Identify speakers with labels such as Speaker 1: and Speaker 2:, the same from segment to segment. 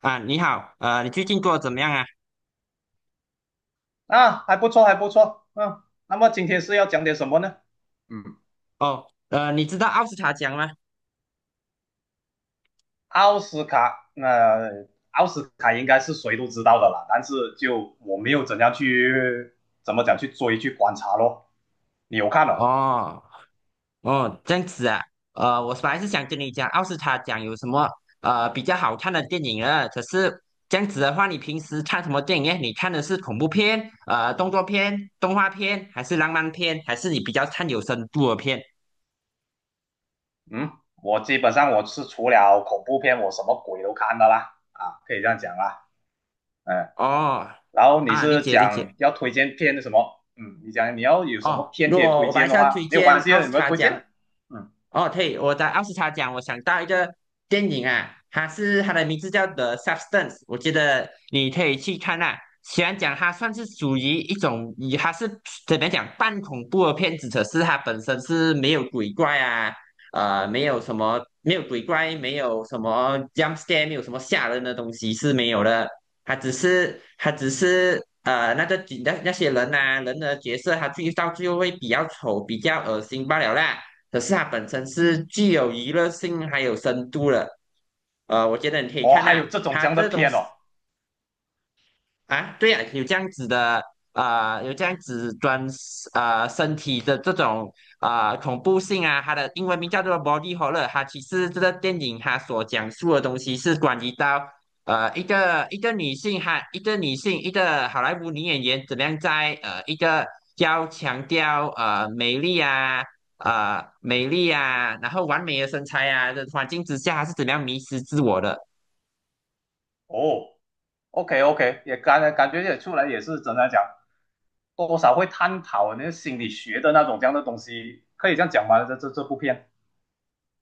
Speaker 1: 啊，你好，你最近过得怎么样啊？
Speaker 2: 啊，还不错，还不错。嗯，那么今天是要讲点什么呢？嗯，
Speaker 1: 哦，你知道奥斯卡奖吗？
Speaker 2: 奥斯卡，奥斯卡应该是谁都知道的啦，但是就我没有怎样去怎么讲去追去观察咯。你有看了？
Speaker 1: 哦，哦，这样子啊，我本来是想跟你讲奥斯卡奖有什么比较好看的电影啊，可是这样子的话，你平时看什么电影呢？你看的是恐怖片、动作片、动画片，还是浪漫片，还是你比较看有深度的片？
Speaker 2: 嗯，我基本上是除了恐怖片，我什么鬼都看的啦，啊，可以这样讲啦。嗯，
Speaker 1: 哦，
Speaker 2: 然后你
Speaker 1: 啊，理
Speaker 2: 是
Speaker 1: 解理解。
Speaker 2: 讲要推荐片什么？嗯，你讲你要有什
Speaker 1: 哦，
Speaker 2: 么片可以
Speaker 1: 若
Speaker 2: 推
Speaker 1: 我白
Speaker 2: 荐的
Speaker 1: 下推
Speaker 2: 话，没有
Speaker 1: 荐
Speaker 2: 关系
Speaker 1: 奥
Speaker 2: 的，
Speaker 1: 斯
Speaker 2: 你们
Speaker 1: 卡
Speaker 2: 推荐
Speaker 1: 奖。
Speaker 2: 啊。嗯。
Speaker 1: 哦，对，我在奥斯卡奖，我想到一个电影啊，它的名字叫《The Substance》，我觉得你可以去看啊。虽然讲它算是属于一种，以它是怎么讲半恐怖的片子，可是它本身是没有鬼怪啊，没有鬼怪，没有什么 jump scare，没有什么吓人的东西是没有的。他只是那个景那些人呐、啊人的角色，他到最后会比较丑、比较恶心罢了啦。可是它本身是具有娱乐性还有深度的，我觉得你可以
Speaker 2: 哦，
Speaker 1: 看
Speaker 2: 还
Speaker 1: 呐、
Speaker 2: 有这种
Speaker 1: 他
Speaker 2: 这样的
Speaker 1: 这种
Speaker 2: 片哦。
Speaker 1: 啊，对呀、有这样子的啊、有这样子专啊、身体的这种啊、恐怖性啊，它的英文名叫做 body horror。它其实这个电影它所讲述的东西是关于到一个女性哈，一个好莱坞女演员怎么样在一个要强调美丽啊。美丽啊，然后完美的身材啊的环境之下，她是怎么样迷失自我的？
Speaker 2: 哦，OK OK，也感觉也出来也是怎么讲，多少会探讨那个心理学的那种这样的东西，可以这样讲吗？这这部片，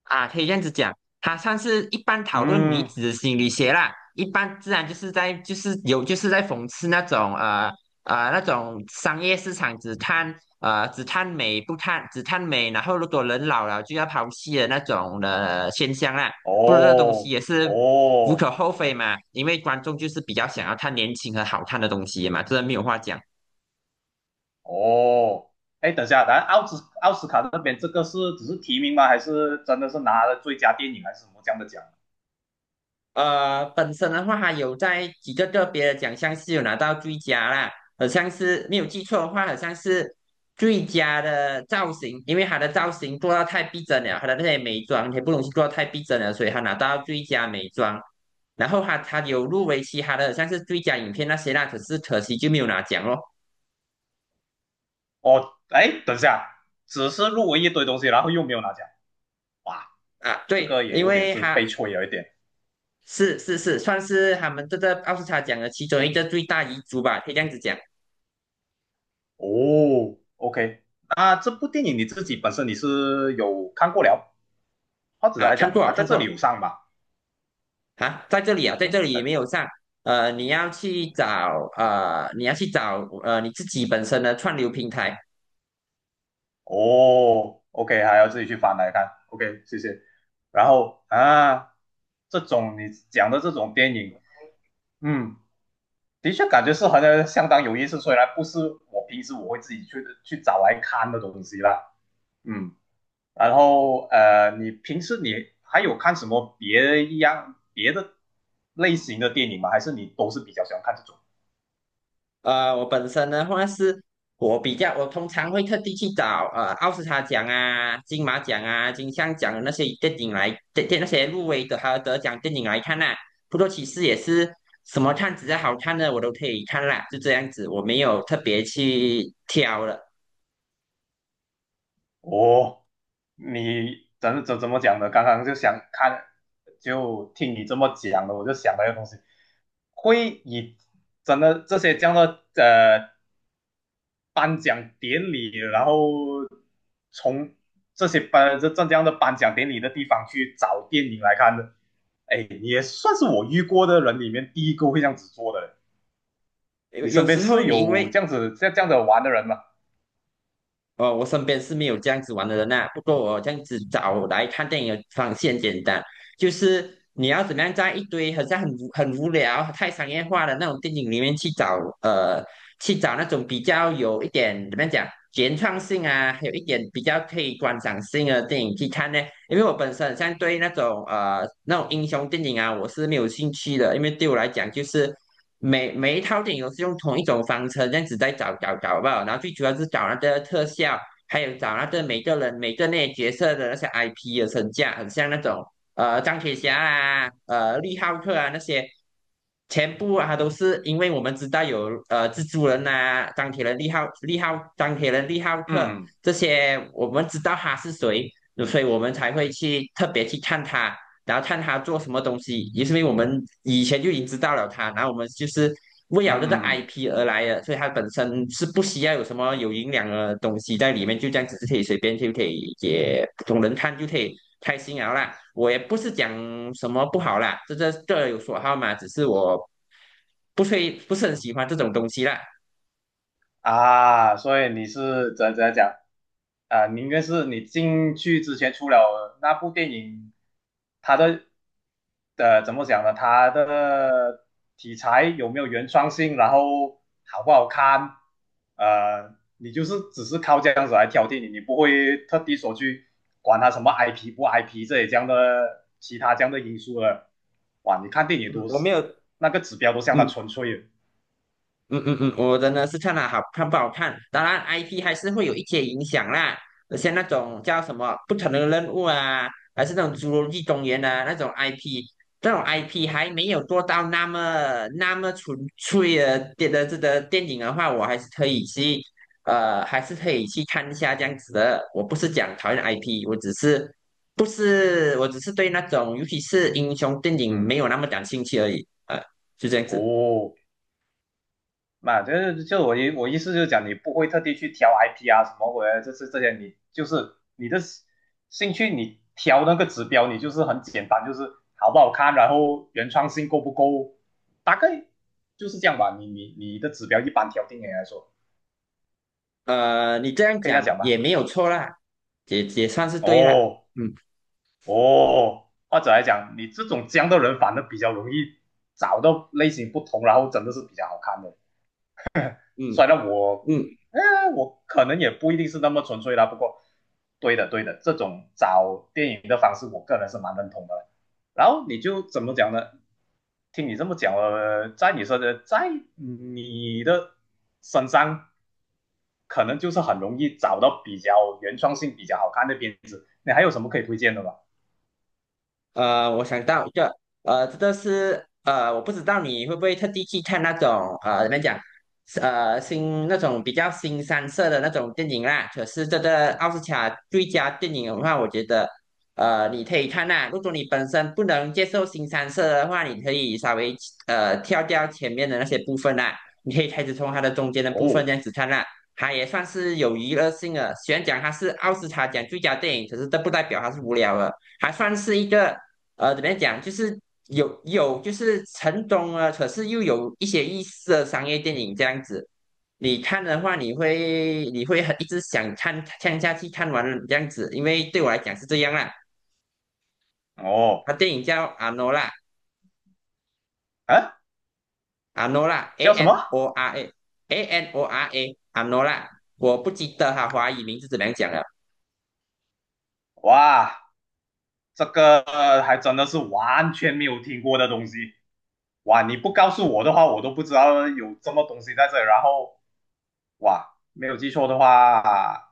Speaker 1: 啊，可以这样子讲，他算是一般讨论女
Speaker 2: 嗯。
Speaker 1: 子的心理学啦。一般自然就是在就是有就是在讽刺那种那种商业市场只看呃只看美不看只看美，然后如果人老了就要抛弃的那种的现象啦。不过这东西
Speaker 2: 哦
Speaker 1: 也是无可
Speaker 2: 哦
Speaker 1: 厚非嘛，因为观众就是比较想要看年轻和好看的东西嘛，这没有话讲。
Speaker 2: 哦，哎，等一下，咱奥斯卡那边这个是只是提名吗？还是真的是拿了最佳电影还是什么这样的奖？
Speaker 1: 本身的话，他有在几个个别的奖项是有拿到最佳啦，好像是没有记错的话，好像是最佳的造型，因为他的造型做到太逼真了，他的那些美妆也不容易做到太逼真了，所以他拿到最佳美妆。然后他有入围其他的，好像是最佳影片那些啦，可是可惜就没有拿奖咯。
Speaker 2: 哦，哎，等一下，只是入围一堆东西，然后又没有拿奖，哇，
Speaker 1: 啊，
Speaker 2: 这
Speaker 1: 对，
Speaker 2: 个也
Speaker 1: 因
Speaker 2: 有点
Speaker 1: 为
Speaker 2: 是
Speaker 1: 他
Speaker 2: 悲催，有一点。
Speaker 1: 是算是他们这个奥斯卡奖的其中一个最大遗珠吧，可以这样子讲。
Speaker 2: 哦，OK，那这部电影你自己本身你是有看过了，或者
Speaker 1: 啊，
Speaker 2: 来
Speaker 1: 看
Speaker 2: 讲
Speaker 1: 过
Speaker 2: 它
Speaker 1: 了
Speaker 2: 在
Speaker 1: 看
Speaker 2: 这
Speaker 1: 过
Speaker 2: 里
Speaker 1: 了。
Speaker 2: 有上吧？
Speaker 1: 啊，在
Speaker 2: 嗯，
Speaker 1: 这里
Speaker 2: 呃
Speaker 1: 没有上。你要去找你自己本身的串流平台。
Speaker 2: 哦，OK，还要自己去翻来看，OK，谢谢。然后啊，这种你讲的这种电影，嗯，的确感觉是好像相当有意思，虽然不是我平时会自己去去找来看的东西啦，嗯。然后你平时你还有看什么别一样别的类型的电影吗？还是你都是比较喜欢看这种？
Speaker 1: 呃，我本身的话是，我比较，我通常会特地去找奥斯卡奖啊、金马奖啊、金像奖的那些电影来，电那些入围的还有得奖电影来看啦、不过其实也是什么看只要好看的我都可以看啦，就这样子，我没有特别去挑了。
Speaker 2: 哦，你怎么讲呢？刚刚就想看，就听你这么讲的，我就想到一个东西，会以真的这些这样的颁奖典礼，然后从这些这样的颁奖典礼的地方去找电影来看的。哎，你也算是我遇过的人里面第一个会这样子做的。
Speaker 1: 有
Speaker 2: 你
Speaker 1: 有
Speaker 2: 身边
Speaker 1: 时候
Speaker 2: 是
Speaker 1: 你因
Speaker 2: 有
Speaker 1: 为
Speaker 2: 这样子玩的人吗？
Speaker 1: 哦，我身边是没有这样子玩的人呐、不过我这样子找来看电影的方式很简单，就是你要怎么样在一堆好像很无聊、太商业化的那种电影里面去找，去找那种比较有一点怎么样讲原创性啊，还有一点比较可以观赏性的电影去看呢？因为我本身好像对那种英雄电影啊，我是没有兴趣的，因为对我来讲就是。每一套电影都是用同一种方程这样子在找吧，然后最主要是找那个特效，还有找那个每个人每个那些角色的那些 IP 的身价，很像那种钢铁侠啊、利浩克啊那些，全部啊都是因为我们知道有蜘蛛人啊、钢铁人利浩克
Speaker 2: 嗯
Speaker 1: 这些，我们知道他是谁，所以我们才会去特别去看他。然后看他做什么东西，也是因为我们以前就已经知道了他，然后我们就是为
Speaker 2: 嗯
Speaker 1: 了这个
Speaker 2: 嗯嗯。
Speaker 1: IP 而来的，所以他本身是不需要有什么有营养的东西在里面，就这样子是可以随便就可以也普通人看就可以开心了啦。我也不是讲什么不好啦，这各有所好嘛，只是我不会不是很喜欢这种东西啦。
Speaker 2: 啊，所以你是怎样讲啊？你应该是你进去之前出了那部电影，它的怎么讲呢？它的题材有没有原创性？然后好不好看？呃，你就是只是靠这样子来挑电影，你不会特地说去管它什么 IP 不 IP 这些这样的其他这样的因素了。哇，你看电影
Speaker 1: 嗯，
Speaker 2: 都
Speaker 1: 我
Speaker 2: 是
Speaker 1: 没有，
Speaker 2: 那个指标都相当
Speaker 1: 嗯，
Speaker 2: 纯粹了。
Speaker 1: 嗯嗯嗯，我真的是看了好看不好看，当然 IP 还是会有一些影响啦。像那种叫什么不可能的任务啊，还是那种侏罗纪公园啊那种 IP，这种 IP 还没有做到那么那么纯粹的这个电影的话，我还是可以去看一下这样子的。我不是讲讨厌 IP，我只是不是我只是对那种尤其是英雄电影没
Speaker 2: 嗯。
Speaker 1: 有那么感兴趣而已，就这样子。
Speaker 2: 哦，嘛，就是就我意我意思就是讲，你不会特地去挑 IP 啊什么鬼的，就是这些你就是你的兴趣，你挑那个指标，你就是很简单，就是好不好看，然后原创性够不够，大概就是这样吧。你的指标一般挑定人来说，
Speaker 1: 你这样
Speaker 2: 可以这样
Speaker 1: 讲
Speaker 2: 讲吧？
Speaker 1: 也没有错啦，也算是对啦。
Speaker 2: 哦
Speaker 1: 嗯
Speaker 2: 哦，或者来讲，你这种这样的人反而比较容易找到类型不同，然后真的是比较好看的。
Speaker 1: 嗯
Speaker 2: 虽然我，
Speaker 1: 嗯。
Speaker 2: 哎，我可能也不一定是那么纯粹啦，不过，对的，对的，这种找电影的方式，我个人是蛮认同的。然后你就怎么讲呢？听你这么讲了，在你说的，在你的身上，可能就是很容易找到比较原创性、比较好看的片子。你还有什么可以推荐的吗？
Speaker 1: 我想到一个，这个是我不知道你会不会特地去看那种怎么讲，是那种比较新三色的那种电影啦。可是这个奥斯卡最佳电影的话，我觉得你可以看啦。如果你本身不能接受新三色的话，你可以稍微跳掉前面的那些部分啦，你可以开始从它的中间的部分
Speaker 2: 哦
Speaker 1: 这样子看啦。它也算是有娱乐性的，虽然讲它是奥斯卡奖最佳电影，可是这不代表它是无聊的。还算是一个怎么样讲，就是有就是成功了，可是又有一些意思的商业电影这样子。你看的话，你会很一直想看看下去，看完了这样子，因为对我来讲是这样啦。
Speaker 2: 哦，
Speaker 1: 他电影叫阿诺拉，
Speaker 2: 啊，
Speaker 1: 阿诺拉 A
Speaker 2: 叫什么？
Speaker 1: N O R A Anora 阿诺拉，我不记得哈，华语名字怎么样讲了。
Speaker 2: 哇！这个还真的是完全没有听过的东西。哇，你不告诉我的话，我都不知道有这么东西在这里然后哇，没有记错的话，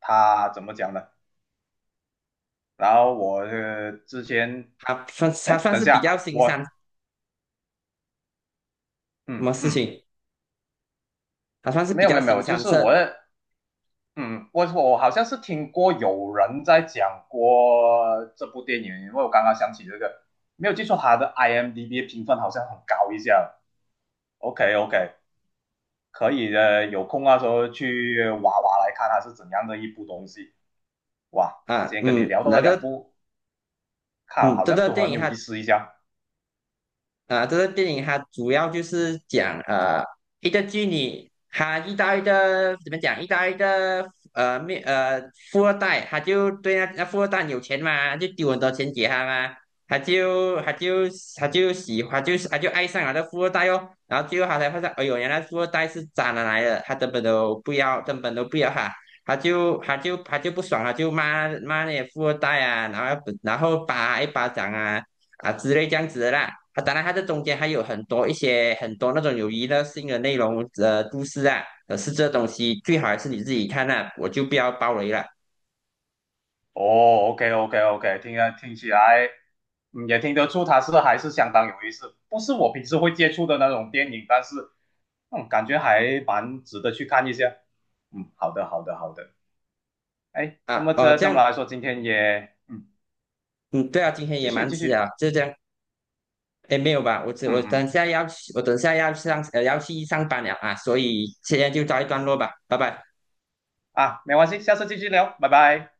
Speaker 2: 他怎么讲的？然后我之前，哎，
Speaker 1: 他算
Speaker 2: 等一
Speaker 1: 是比较
Speaker 2: 下，
Speaker 1: 新三什
Speaker 2: 我嗯
Speaker 1: 么事
Speaker 2: 嗯，
Speaker 1: 情？他算是
Speaker 2: 没
Speaker 1: 比
Speaker 2: 有没
Speaker 1: 较
Speaker 2: 有没
Speaker 1: 新
Speaker 2: 有，就
Speaker 1: 三
Speaker 2: 是我
Speaker 1: 色
Speaker 2: 嗯，我好像是听过有人在讲过这部电影，因为我刚刚想起这个，没有记错，他的 IMDB 评分好像很高一下。OK OK，可以有空那时候去挖挖来看它是怎样的一部东西。哇，今
Speaker 1: 啊，
Speaker 2: 天跟你
Speaker 1: 嗯，
Speaker 2: 聊到
Speaker 1: 那
Speaker 2: 了
Speaker 1: 个
Speaker 2: 两部，看
Speaker 1: 嗯，
Speaker 2: 好
Speaker 1: 这
Speaker 2: 像
Speaker 1: 个
Speaker 2: 都
Speaker 1: 电
Speaker 2: 很
Speaker 1: 影
Speaker 2: 有
Speaker 1: 哈。
Speaker 2: 意思一下。
Speaker 1: 啊，这个电影它主要就是讲一个妓女，她遇到一个怎么讲，遇到一个呃没呃富二代，她就对那富二代有钱嘛，就丢很多钱给他嘛，她就她就她就喜欢，就是她就爱上了那富二代哦，然后最后她才发现，哎呦，原来富二代是渣男来的，她根本都不要，根本都不要她。她就不爽了，就骂骂那些富二代啊，然后打一巴掌啊，啊之类这样子的啦。啊，当然它这中间还有很多那种有娱乐性的内容，故事啊。可是这东西最好还是你自己看啊，我就不要爆雷了
Speaker 2: 哦，OK OK OK，听啊听起来，也听得出它是还是相当有意思，不是我平时会接触的那种电影，但是感觉还蛮值得去看一下。嗯，好的好的好的。哎，这
Speaker 1: 啊。
Speaker 2: 么
Speaker 1: 哦，
Speaker 2: 这
Speaker 1: 这
Speaker 2: 这么
Speaker 1: 样，
Speaker 2: 来说，今天也嗯，
Speaker 1: 嗯，对啊，今天
Speaker 2: 继
Speaker 1: 也
Speaker 2: 续
Speaker 1: 蛮
Speaker 2: 继
Speaker 1: 迟啊，
Speaker 2: 续，
Speaker 1: 就这样。哎，没有吧？我
Speaker 2: 嗯
Speaker 1: 等
Speaker 2: 嗯。
Speaker 1: 下要去，我等下要上呃要去上班了啊，所以现在就告一段落吧，拜拜。
Speaker 2: 啊，没关系，下次继续聊，拜拜。